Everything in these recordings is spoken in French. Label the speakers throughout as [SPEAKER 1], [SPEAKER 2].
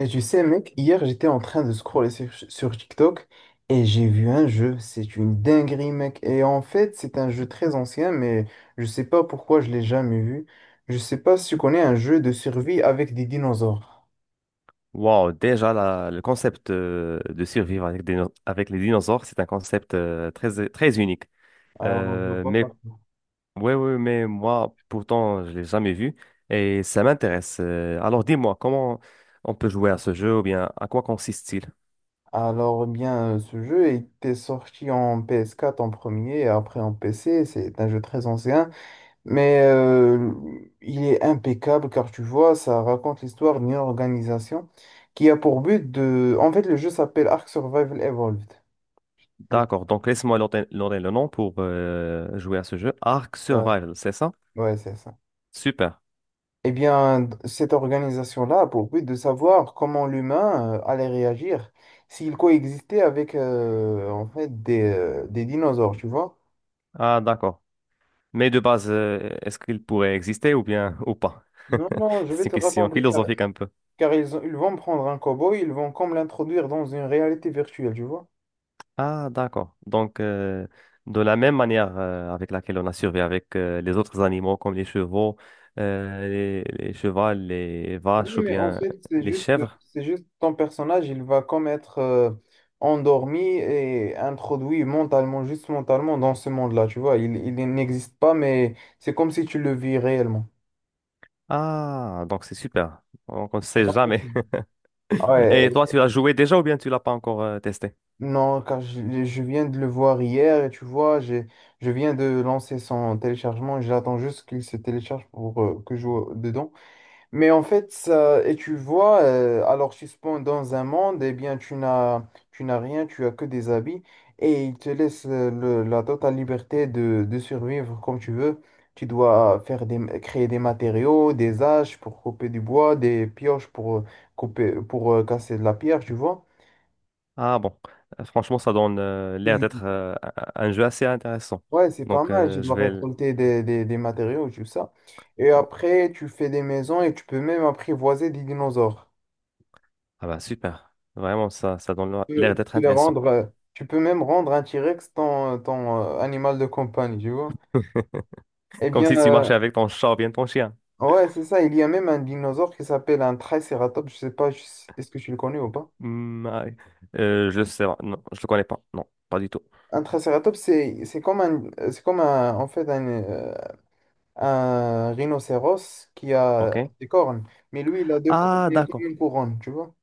[SPEAKER 1] Et tu sais, mec, hier j'étais en train de scroller sur TikTok et j'ai vu un jeu. C'est une dinguerie, mec. Et en fait, c'est un jeu très ancien, mais je sais pas pourquoi je l'ai jamais vu. Je sais pas si tu connais un jeu de survie avec des dinosaures.
[SPEAKER 2] Wow, déjà le concept de survivre avec les dinosaures, c'est un concept très, très unique.
[SPEAKER 1] Alors, on en voit pas
[SPEAKER 2] Mais
[SPEAKER 1] partout.
[SPEAKER 2] ouais, ouais, mais moi, pourtant, je l'ai jamais vu et ça m'intéresse. Alors, dis-moi, comment on peut jouer à ce jeu ou bien à quoi consiste-t-il?
[SPEAKER 1] Alors, eh bien, ce jeu était sorti en PS4 en premier et après en PC. C'est un jeu très ancien. Mais euh, il est impeccable car tu vois, ça raconte l'histoire d'une organisation qui a pour but de... En fait, le jeu s'appelle Ark Survival Evolved. Les-
[SPEAKER 2] D'accord, donc laisse-moi noter le nom pour jouer à ce jeu. Ark
[SPEAKER 1] la-
[SPEAKER 2] Survival, c'est ça?
[SPEAKER 1] Ouais, c'est ça.
[SPEAKER 2] Super.
[SPEAKER 1] Eh bien, cette organisation-là a pour but de savoir comment l'humain allait réagir s'il coexistait avec des dinosaures, tu vois.
[SPEAKER 2] Ah, d'accord. Mais de base, est-ce qu'il pourrait exister ou bien ou pas?
[SPEAKER 1] Non, non, je
[SPEAKER 2] C'est
[SPEAKER 1] vais
[SPEAKER 2] une
[SPEAKER 1] te
[SPEAKER 2] question
[SPEAKER 1] raconter
[SPEAKER 2] philosophique un peu.
[SPEAKER 1] car ils vont prendre un cow-boy, ils vont comme l'introduire dans une réalité virtuelle, tu vois.
[SPEAKER 2] Ah, d'accord. Donc, de la même manière avec laquelle on a survécu avec les autres animaux comme les chevaux, les chevaux, les
[SPEAKER 1] Oui,
[SPEAKER 2] vaches ou
[SPEAKER 1] mais en
[SPEAKER 2] bien
[SPEAKER 1] fait,
[SPEAKER 2] les chèvres.
[SPEAKER 1] c'est juste ton personnage, il va comme être endormi et introduit mentalement, juste mentalement dans ce monde-là, tu vois. Il n'existe pas, mais c'est comme si tu le vis réellement.
[SPEAKER 2] Ah, donc c'est super. Donc, on ne
[SPEAKER 1] T'as
[SPEAKER 2] sait
[SPEAKER 1] pas
[SPEAKER 2] jamais.
[SPEAKER 1] compris. Ouais,
[SPEAKER 2] Et toi, tu l'as joué déjà ou bien tu l'as pas encore testé?
[SPEAKER 1] non, car je viens de le voir hier et tu vois, je viens de lancer son téléchargement et j'attends juste qu'il se télécharge pour que je joue dedans. Mais en fait, ça, et tu vois, alors tu spawns dans un monde, eh bien tu n'as rien, tu as que des habits, et il te laisse la totale liberté de survivre comme tu veux. Tu dois créer des matériaux, des haches pour couper du bois, des pioches pour casser de la pierre, tu vois.
[SPEAKER 2] Ah bon. Franchement, ça donne l'air d'être
[SPEAKER 1] Mhm.
[SPEAKER 2] un jeu assez intéressant.
[SPEAKER 1] Ouais, c'est pas
[SPEAKER 2] Donc,
[SPEAKER 1] mal, tu
[SPEAKER 2] euh, je
[SPEAKER 1] dois
[SPEAKER 2] vais... l-
[SPEAKER 1] récolter des matériaux, tout ça. Et
[SPEAKER 2] oh,
[SPEAKER 1] après, tu fais des maisons et tu peux même apprivoiser des dinosaures.
[SPEAKER 2] ah bah super, vraiment, ça donne
[SPEAKER 1] Peux
[SPEAKER 2] l'air
[SPEAKER 1] tu
[SPEAKER 2] d'être
[SPEAKER 1] peux le
[SPEAKER 2] intéressant.
[SPEAKER 1] rendre, Tu peux même rendre un T-Rex ton animal de compagnie, tu vois. Eh
[SPEAKER 2] Comme
[SPEAKER 1] bien,
[SPEAKER 2] si tu marchais avec ton chat ou bien ton chien.
[SPEAKER 1] ouais, c'est ça. Il y a même un dinosaure qui s'appelle un Triceratops. Je sais pas, est-ce que tu le connais ou pas?
[SPEAKER 2] Hmm, ah, oui. Je sais pas, non, je le connais pas. Non, pas du tout.
[SPEAKER 1] Un Triceratops, c'est comme un, un rhinocéros qui a
[SPEAKER 2] OK.
[SPEAKER 1] des cornes. Mais lui, il a deux cornes
[SPEAKER 2] Ah
[SPEAKER 1] et comme
[SPEAKER 2] d'accord,
[SPEAKER 1] une couronne, tu vois.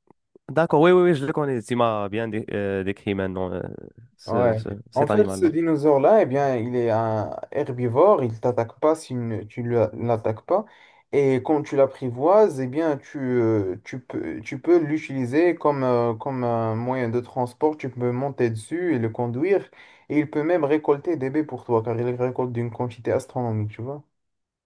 [SPEAKER 2] d'accord, oui, oui, oui, je le connais. Tu m'as bien décrit maintenant
[SPEAKER 1] Ouais. En
[SPEAKER 2] cet
[SPEAKER 1] fait, ce
[SPEAKER 2] animal-là.
[SPEAKER 1] dinosaure-là, eh bien, il est un herbivore, il t'attaque pas si tu ne l'attaques pas. Et quand tu l'apprivoises, eh bien, tu peux l'utiliser comme un moyen de transport. Tu peux monter dessus et le conduire. Et il peut même récolter des baies pour toi, car il récolte d'une quantité astronomique, tu vois.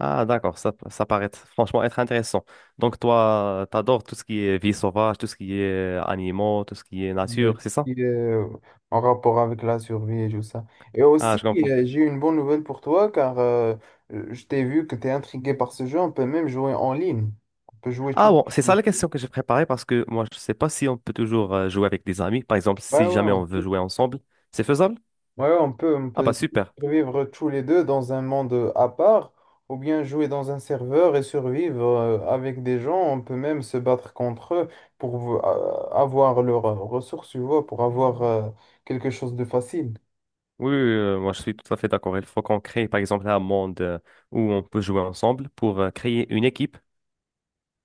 [SPEAKER 2] Ah, d'accord, ça paraît franchement être intéressant. Donc, toi, t'adores tout ce qui est vie sauvage, tout ce qui est animaux, tout ce qui est
[SPEAKER 1] euh,
[SPEAKER 2] nature, c'est ça?
[SPEAKER 1] qui, euh, En rapport avec la survie et tout ça. Et
[SPEAKER 2] Ah, je
[SPEAKER 1] aussi,
[SPEAKER 2] comprends.
[SPEAKER 1] j'ai une bonne nouvelle pour toi car je t'ai vu que tu es intrigué par ce jeu. On peut même jouer en ligne. On peut jouer tous
[SPEAKER 2] Ah bon, c'est ça
[SPEAKER 1] les
[SPEAKER 2] la
[SPEAKER 1] deux.
[SPEAKER 2] question que j'ai préparée parce que moi, je sais pas si on peut toujours jouer avec des amis. Par exemple,
[SPEAKER 1] Ouais,
[SPEAKER 2] si
[SPEAKER 1] ouais,
[SPEAKER 2] jamais
[SPEAKER 1] on
[SPEAKER 2] on veut
[SPEAKER 1] peut,
[SPEAKER 2] jouer ensemble, c'est faisable?
[SPEAKER 1] on
[SPEAKER 2] Ah, bah
[SPEAKER 1] peut
[SPEAKER 2] super.
[SPEAKER 1] vivre tous les deux dans un monde à part ou bien jouer dans un serveur et survivre avec des gens. On peut même se battre contre eux pour avoir leurs ressources, tu vois, pour avoir quelque chose de facile.
[SPEAKER 2] Oui, oui, oui, moi, je suis tout à fait d'accord. Il faut qu'on crée, par exemple, un monde où on peut jouer ensemble pour créer une équipe.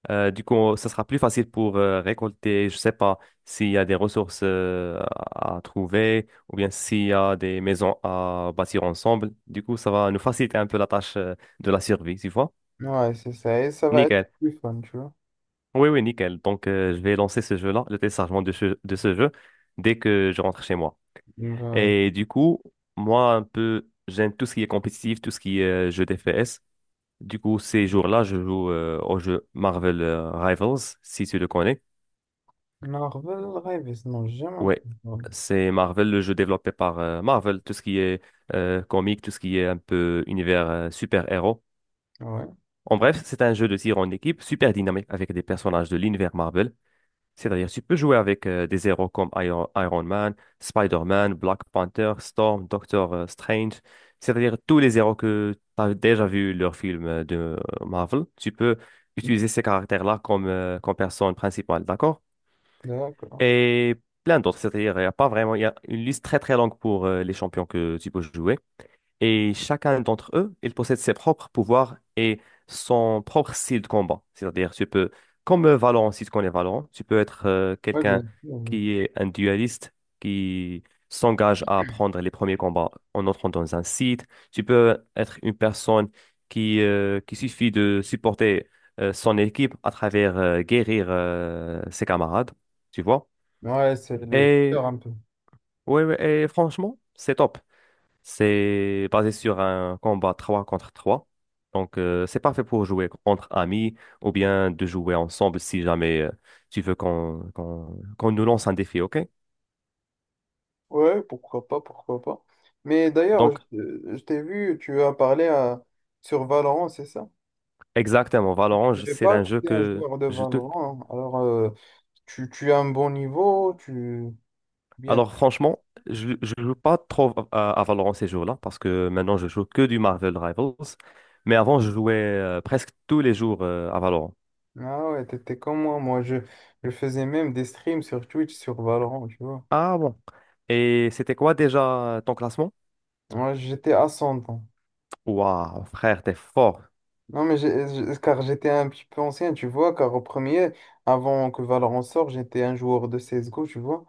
[SPEAKER 2] Du coup, ça sera plus facile pour récolter, je sais pas, s'il y a des ressources à trouver ou bien s'il y a des maisons à bâtir ensemble. Du coup, ça va nous faciliter un peu la tâche de la survie, tu vois?
[SPEAKER 1] Ouais, c'est ça. Et ça va être
[SPEAKER 2] Nickel.
[SPEAKER 1] plus fun, tu vois.
[SPEAKER 2] Oui, oui, nickel. Donc, je vais lancer ce jeu-là, le téléchargement de ce jeu, dès que je rentre chez moi.
[SPEAKER 1] Euh,
[SPEAKER 2] Et du coup, moi, un peu, j'aime tout ce qui est compétitif, tout ce qui est jeu d'FPS. Du coup, ces jours-là, je joue au jeu Marvel Rivals, si tu le connais.
[SPEAKER 1] Marvel Rivals, non, j'ai jamais
[SPEAKER 2] Ouais,
[SPEAKER 1] entendu parler.
[SPEAKER 2] c'est Marvel, le jeu développé par Marvel, tout ce qui est comique, tout ce qui est un peu univers super-héros.
[SPEAKER 1] Ouais,
[SPEAKER 2] En bref, c'est un jeu de tir en équipe super dynamique avec des personnages de l'univers Marvel. C'est-à-dire, tu peux jouer avec des héros comme Iron Man, Spider-Man, Black Panther, Storm, Doctor Strange. C'est-à-dire, tous les héros que tu as déjà vu leur film de Marvel, tu peux utiliser ces caractères-là comme personne principale, d'accord?
[SPEAKER 1] d'accord.
[SPEAKER 2] Et plein d'autres, c'est-à-dire, il n'y a pas vraiment, il y a une liste très très longue pour les champions que tu peux jouer. Et chacun d'entre eux, il possède ses propres pouvoirs et son propre style de combat. C'est-à-dire, tu peux, comme Valorant, si tu connais Valorant, tu peux être
[SPEAKER 1] Ouais, bien
[SPEAKER 2] quelqu'un
[SPEAKER 1] sûr. Oui.
[SPEAKER 2] qui est un dualiste, qui, s'engage à prendre les premiers combats en entrant dans un site. Tu peux être une personne qui suffit de supporter son équipe à travers guérir ses camarades, tu vois?
[SPEAKER 1] Ouais, c'est le
[SPEAKER 2] Et,
[SPEAKER 1] cœur un peu.
[SPEAKER 2] ouais, ouais, et franchement, c'est top. C'est basé sur un combat 3 contre 3. Donc, c'est parfait pour jouer entre amis ou bien de jouer ensemble si jamais tu veux qu'on nous lance un défi, OK?
[SPEAKER 1] Ouais, pourquoi pas, pourquoi pas. Mais d'ailleurs,
[SPEAKER 2] Donc,
[SPEAKER 1] je t'ai vu, tu as parlé à- sur Valorant, c'est ça?
[SPEAKER 2] exactement,
[SPEAKER 1] Je
[SPEAKER 2] Valorant,
[SPEAKER 1] sais
[SPEAKER 2] c'est
[SPEAKER 1] pas
[SPEAKER 2] un jeu
[SPEAKER 1] été un
[SPEAKER 2] que
[SPEAKER 1] joueur de
[SPEAKER 2] je te...
[SPEAKER 1] Valorant, hein. Alors, tu as un bon niveau, tu... Bien...
[SPEAKER 2] Alors, franchement, je ne joue pas trop à Valorant ces jours-là parce que maintenant, je joue que du Marvel Rivals. Mais avant, je jouais presque tous les jours à Valorant.
[SPEAKER 1] Ah ouais, t'étais comme moi. Je faisais même des streams sur Twitch sur Valorant, tu vois.
[SPEAKER 2] Ah bon. Et c'était quoi déjà ton classement?
[SPEAKER 1] Ouais, j'étais à 100 ans.
[SPEAKER 2] Waouh, frère, t'es fort.
[SPEAKER 1] Non, mais car j'étais un petit peu ancien, tu vois, car au premier, avant que Valorant sorte, j'étais un joueur de CSGO, tu vois.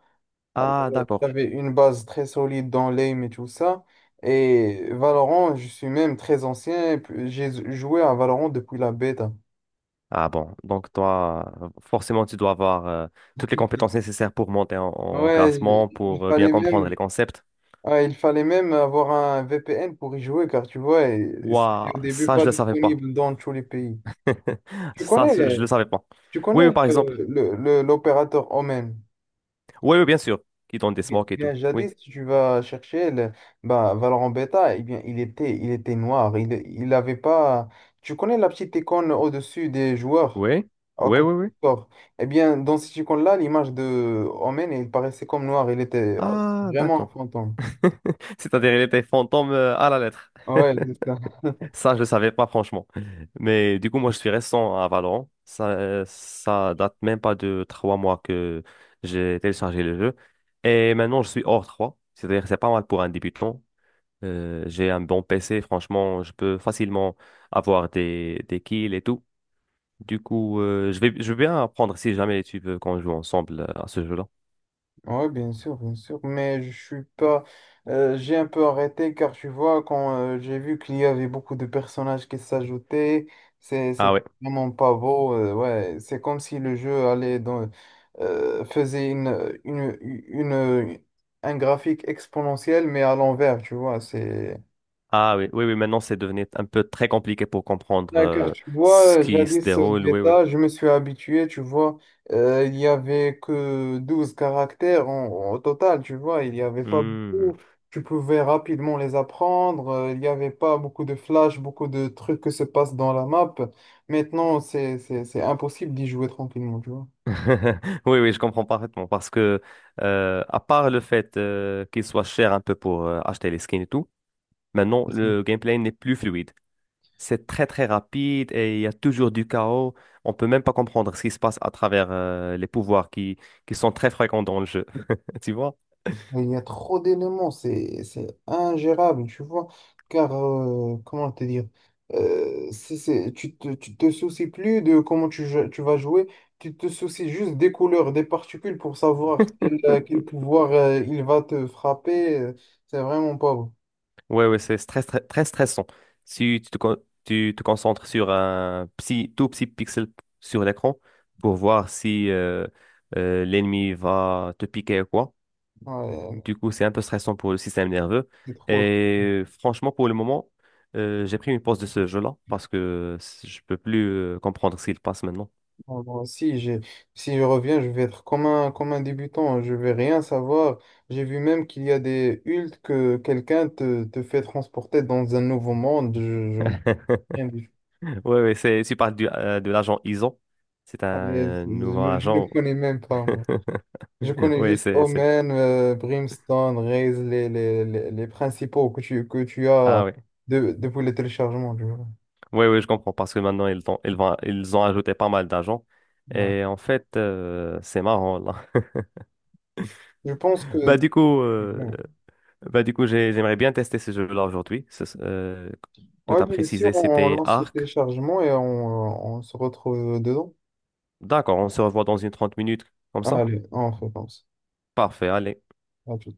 [SPEAKER 1] Alors,
[SPEAKER 2] Ah d'accord.
[SPEAKER 1] j'avais une base très solide dans l'aim et tout ça. Et Valorant, je suis même très ancien, et puis j'ai joué à Valorant depuis la bêta.
[SPEAKER 2] Ah bon. Donc toi, forcément, tu dois avoir toutes les compétences nécessaires pour monter en
[SPEAKER 1] Ouais, il
[SPEAKER 2] classement,
[SPEAKER 1] il
[SPEAKER 2] pour bien
[SPEAKER 1] fallait
[SPEAKER 2] comprendre
[SPEAKER 1] même,
[SPEAKER 2] les concepts.
[SPEAKER 1] ouais, il fallait même avoir un VPN pour y jouer, car tu vois, et
[SPEAKER 2] Waouh,
[SPEAKER 1] c'était au début
[SPEAKER 2] ça, je
[SPEAKER 1] pas
[SPEAKER 2] le savais pas.
[SPEAKER 1] disponible dans tous les pays. Tu
[SPEAKER 2] Ça, je le
[SPEAKER 1] connais,
[SPEAKER 2] savais pas.
[SPEAKER 1] Tu
[SPEAKER 2] Oui, oui,
[SPEAKER 1] connais
[SPEAKER 2] par exemple.
[SPEAKER 1] l'opérateur Omen?
[SPEAKER 2] Oui, oui, bien sûr. Qui donne des
[SPEAKER 1] Bien,
[SPEAKER 2] smokes et tout.
[SPEAKER 1] bien, jadis,
[SPEAKER 2] Oui.
[SPEAKER 1] si tu vas chercher Valorant Beta, eh bien, il était noir. Il avait pas. Tu connais la petite icône au-dessus des joueurs,
[SPEAKER 2] Oui.
[SPEAKER 1] à
[SPEAKER 2] Oui,
[SPEAKER 1] côté
[SPEAKER 2] oui, oui.
[SPEAKER 1] du corps. Eh bien, dans cette icône-là, l'image de Omen, il paraissait comme noir. Il était
[SPEAKER 2] Ah
[SPEAKER 1] vraiment un
[SPEAKER 2] d'accord.
[SPEAKER 1] fantôme.
[SPEAKER 2] C'est-à-dire, il était fantôme à la lettre.
[SPEAKER 1] Ouais.
[SPEAKER 2] Ça, je le savais pas, franchement. Mais du coup, moi, je suis récent à Valorant. Ça date même pas de 3 mois que j'ai téléchargé le jeu. Et maintenant, je suis hors trois. C'est-à-dire que c'est pas mal pour un débutant. J'ai un bon PC, franchement, je peux facilement avoir des kills et tout. Du coup, je veux bien apprendre si jamais tu veux qu'on joue ensemble à ce jeu-là.
[SPEAKER 1] Oui, bien sûr, mais je suis pas. J'ai un peu arrêté car tu vois, quand j'ai vu qu'il y avait beaucoup de personnages qui s'ajoutaient, c'est
[SPEAKER 2] Ah
[SPEAKER 1] c'est
[SPEAKER 2] oui.
[SPEAKER 1] vraiment pas beau. Ouais, c'est comme si le jeu faisait un graphique exponentiel, mais à l'envers, tu vois. C'est
[SPEAKER 2] Ah oui, oui, oui, maintenant c'est devenu un peu très compliqué pour comprendre
[SPEAKER 1] ouais. Car tu vois,
[SPEAKER 2] ce qui se
[SPEAKER 1] jadis au
[SPEAKER 2] déroule, oui, oui.
[SPEAKER 1] bêta, je me suis habitué, tu vois, il n'y avait que 12 caractères au total, tu vois, il n'y avait pas
[SPEAKER 2] Hmm.
[SPEAKER 1] beaucoup, tu pouvais rapidement les apprendre, il n'y avait pas beaucoup de flash, beaucoup de trucs qui se passent dans la map. Maintenant, c'est impossible d'y jouer tranquillement, tu vois.
[SPEAKER 2] Oui, oui, je comprends parfaitement parce que, à part le fait qu'il soit cher un peu pour acheter les skins et tout, maintenant le gameplay n'est plus fluide. C'est très très rapide et il y a toujours du chaos. On peut même pas comprendre ce qui se passe à travers les pouvoirs qui sont très fréquents dans le jeu. Tu vois?
[SPEAKER 1] Il y a trop d'éléments, c'est ingérable, tu vois. Car, comment te dire, tu tu te soucies plus de comment tu vas jouer, tu te soucies juste des couleurs, des particules pour savoir quel pouvoir il va te frapper. C'est vraiment pas bon.
[SPEAKER 2] Ouais, ouais, c'est très, très, très stressant. Si tu te concentres sur un petit, tout petit pixel sur l'écran pour voir si l'ennemi va te piquer ou quoi,
[SPEAKER 1] Ouais,
[SPEAKER 2] du coup, c'est un peu stressant pour le système nerveux.
[SPEAKER 1] c'est trop.
[SPEAKER 2] Et franchement, pour le moment, j'ai pris une pause de ce jeu-là parce que je peux plus comprendre ce qu'il passe maintenant.
[SPEAKER 1] Moi, moi, si j'ai, Si je reviens, je vais être comme un débutant, hein. Je vais rien savoir. J'ai vu même qu'il y a des hulks que quelqu'un te fait transporter dans un nouveau monde. Je Rien tout.
[SPEAKER 2] Oui, oui, c'est, tu parles de l'agent ISO. C'est
[SPEAKER 1] Ah, mais
[SPEAKER 2] un
[SPEAKER 1] je
[SPEAKER 2] nouveau
[SPEAKER 1] ne
[SPEAKER 2] agent.
[SPEAKER 1] connais même pas, moi. Je connais
[SPEAKER 2] Oui,
[SPEAKER 1] juste
[SPEAKER 2] c'est, c'est.
[SPEAKER 1] Omen, Brimstone, Raze, les principaux que tu as
[SPEAKER 2] Ah oui.
[SPEAKER 1] de, depuis le téléchargement, tu vois.
[SPEAKER 2] Oui, oui, je comprends parce que maintenant, ils ont ajouté pas mal d'agents.
[SPEAKER 1] Ouais.
[SPEAKER 2] Et en fait, c'est marrant, là.
[SPEAKER 1] Je pense que...
[SPEAKER 2] Bah, du coup,
[SPEAKER 1] Ouais,
[SPEAKER 2] J'aimerais bien tester ce jeu-là aujourd'hui. Que
[SPEAKER 1] ouais,
[SPEAKER 2] tu as
[SPEAKER 1] bien
[SPEAKER 2] précisé,
[SPEAKER 1] sûr, on
[SPEAKER 2] c'était
[SPEAKER 1] lance le
[SPEAKER 2] Arc.
[SPEAKER 1] téléchargement et on se retrouve dedans.
[SPEAKER 2] D'accord, on se revoit dans une 30 minutes, comme ça?
[SPEAKER 1] Allez, on recommence.
[SPEAKER 2] Parfait, allez.
[SPEAKER 1] À tout.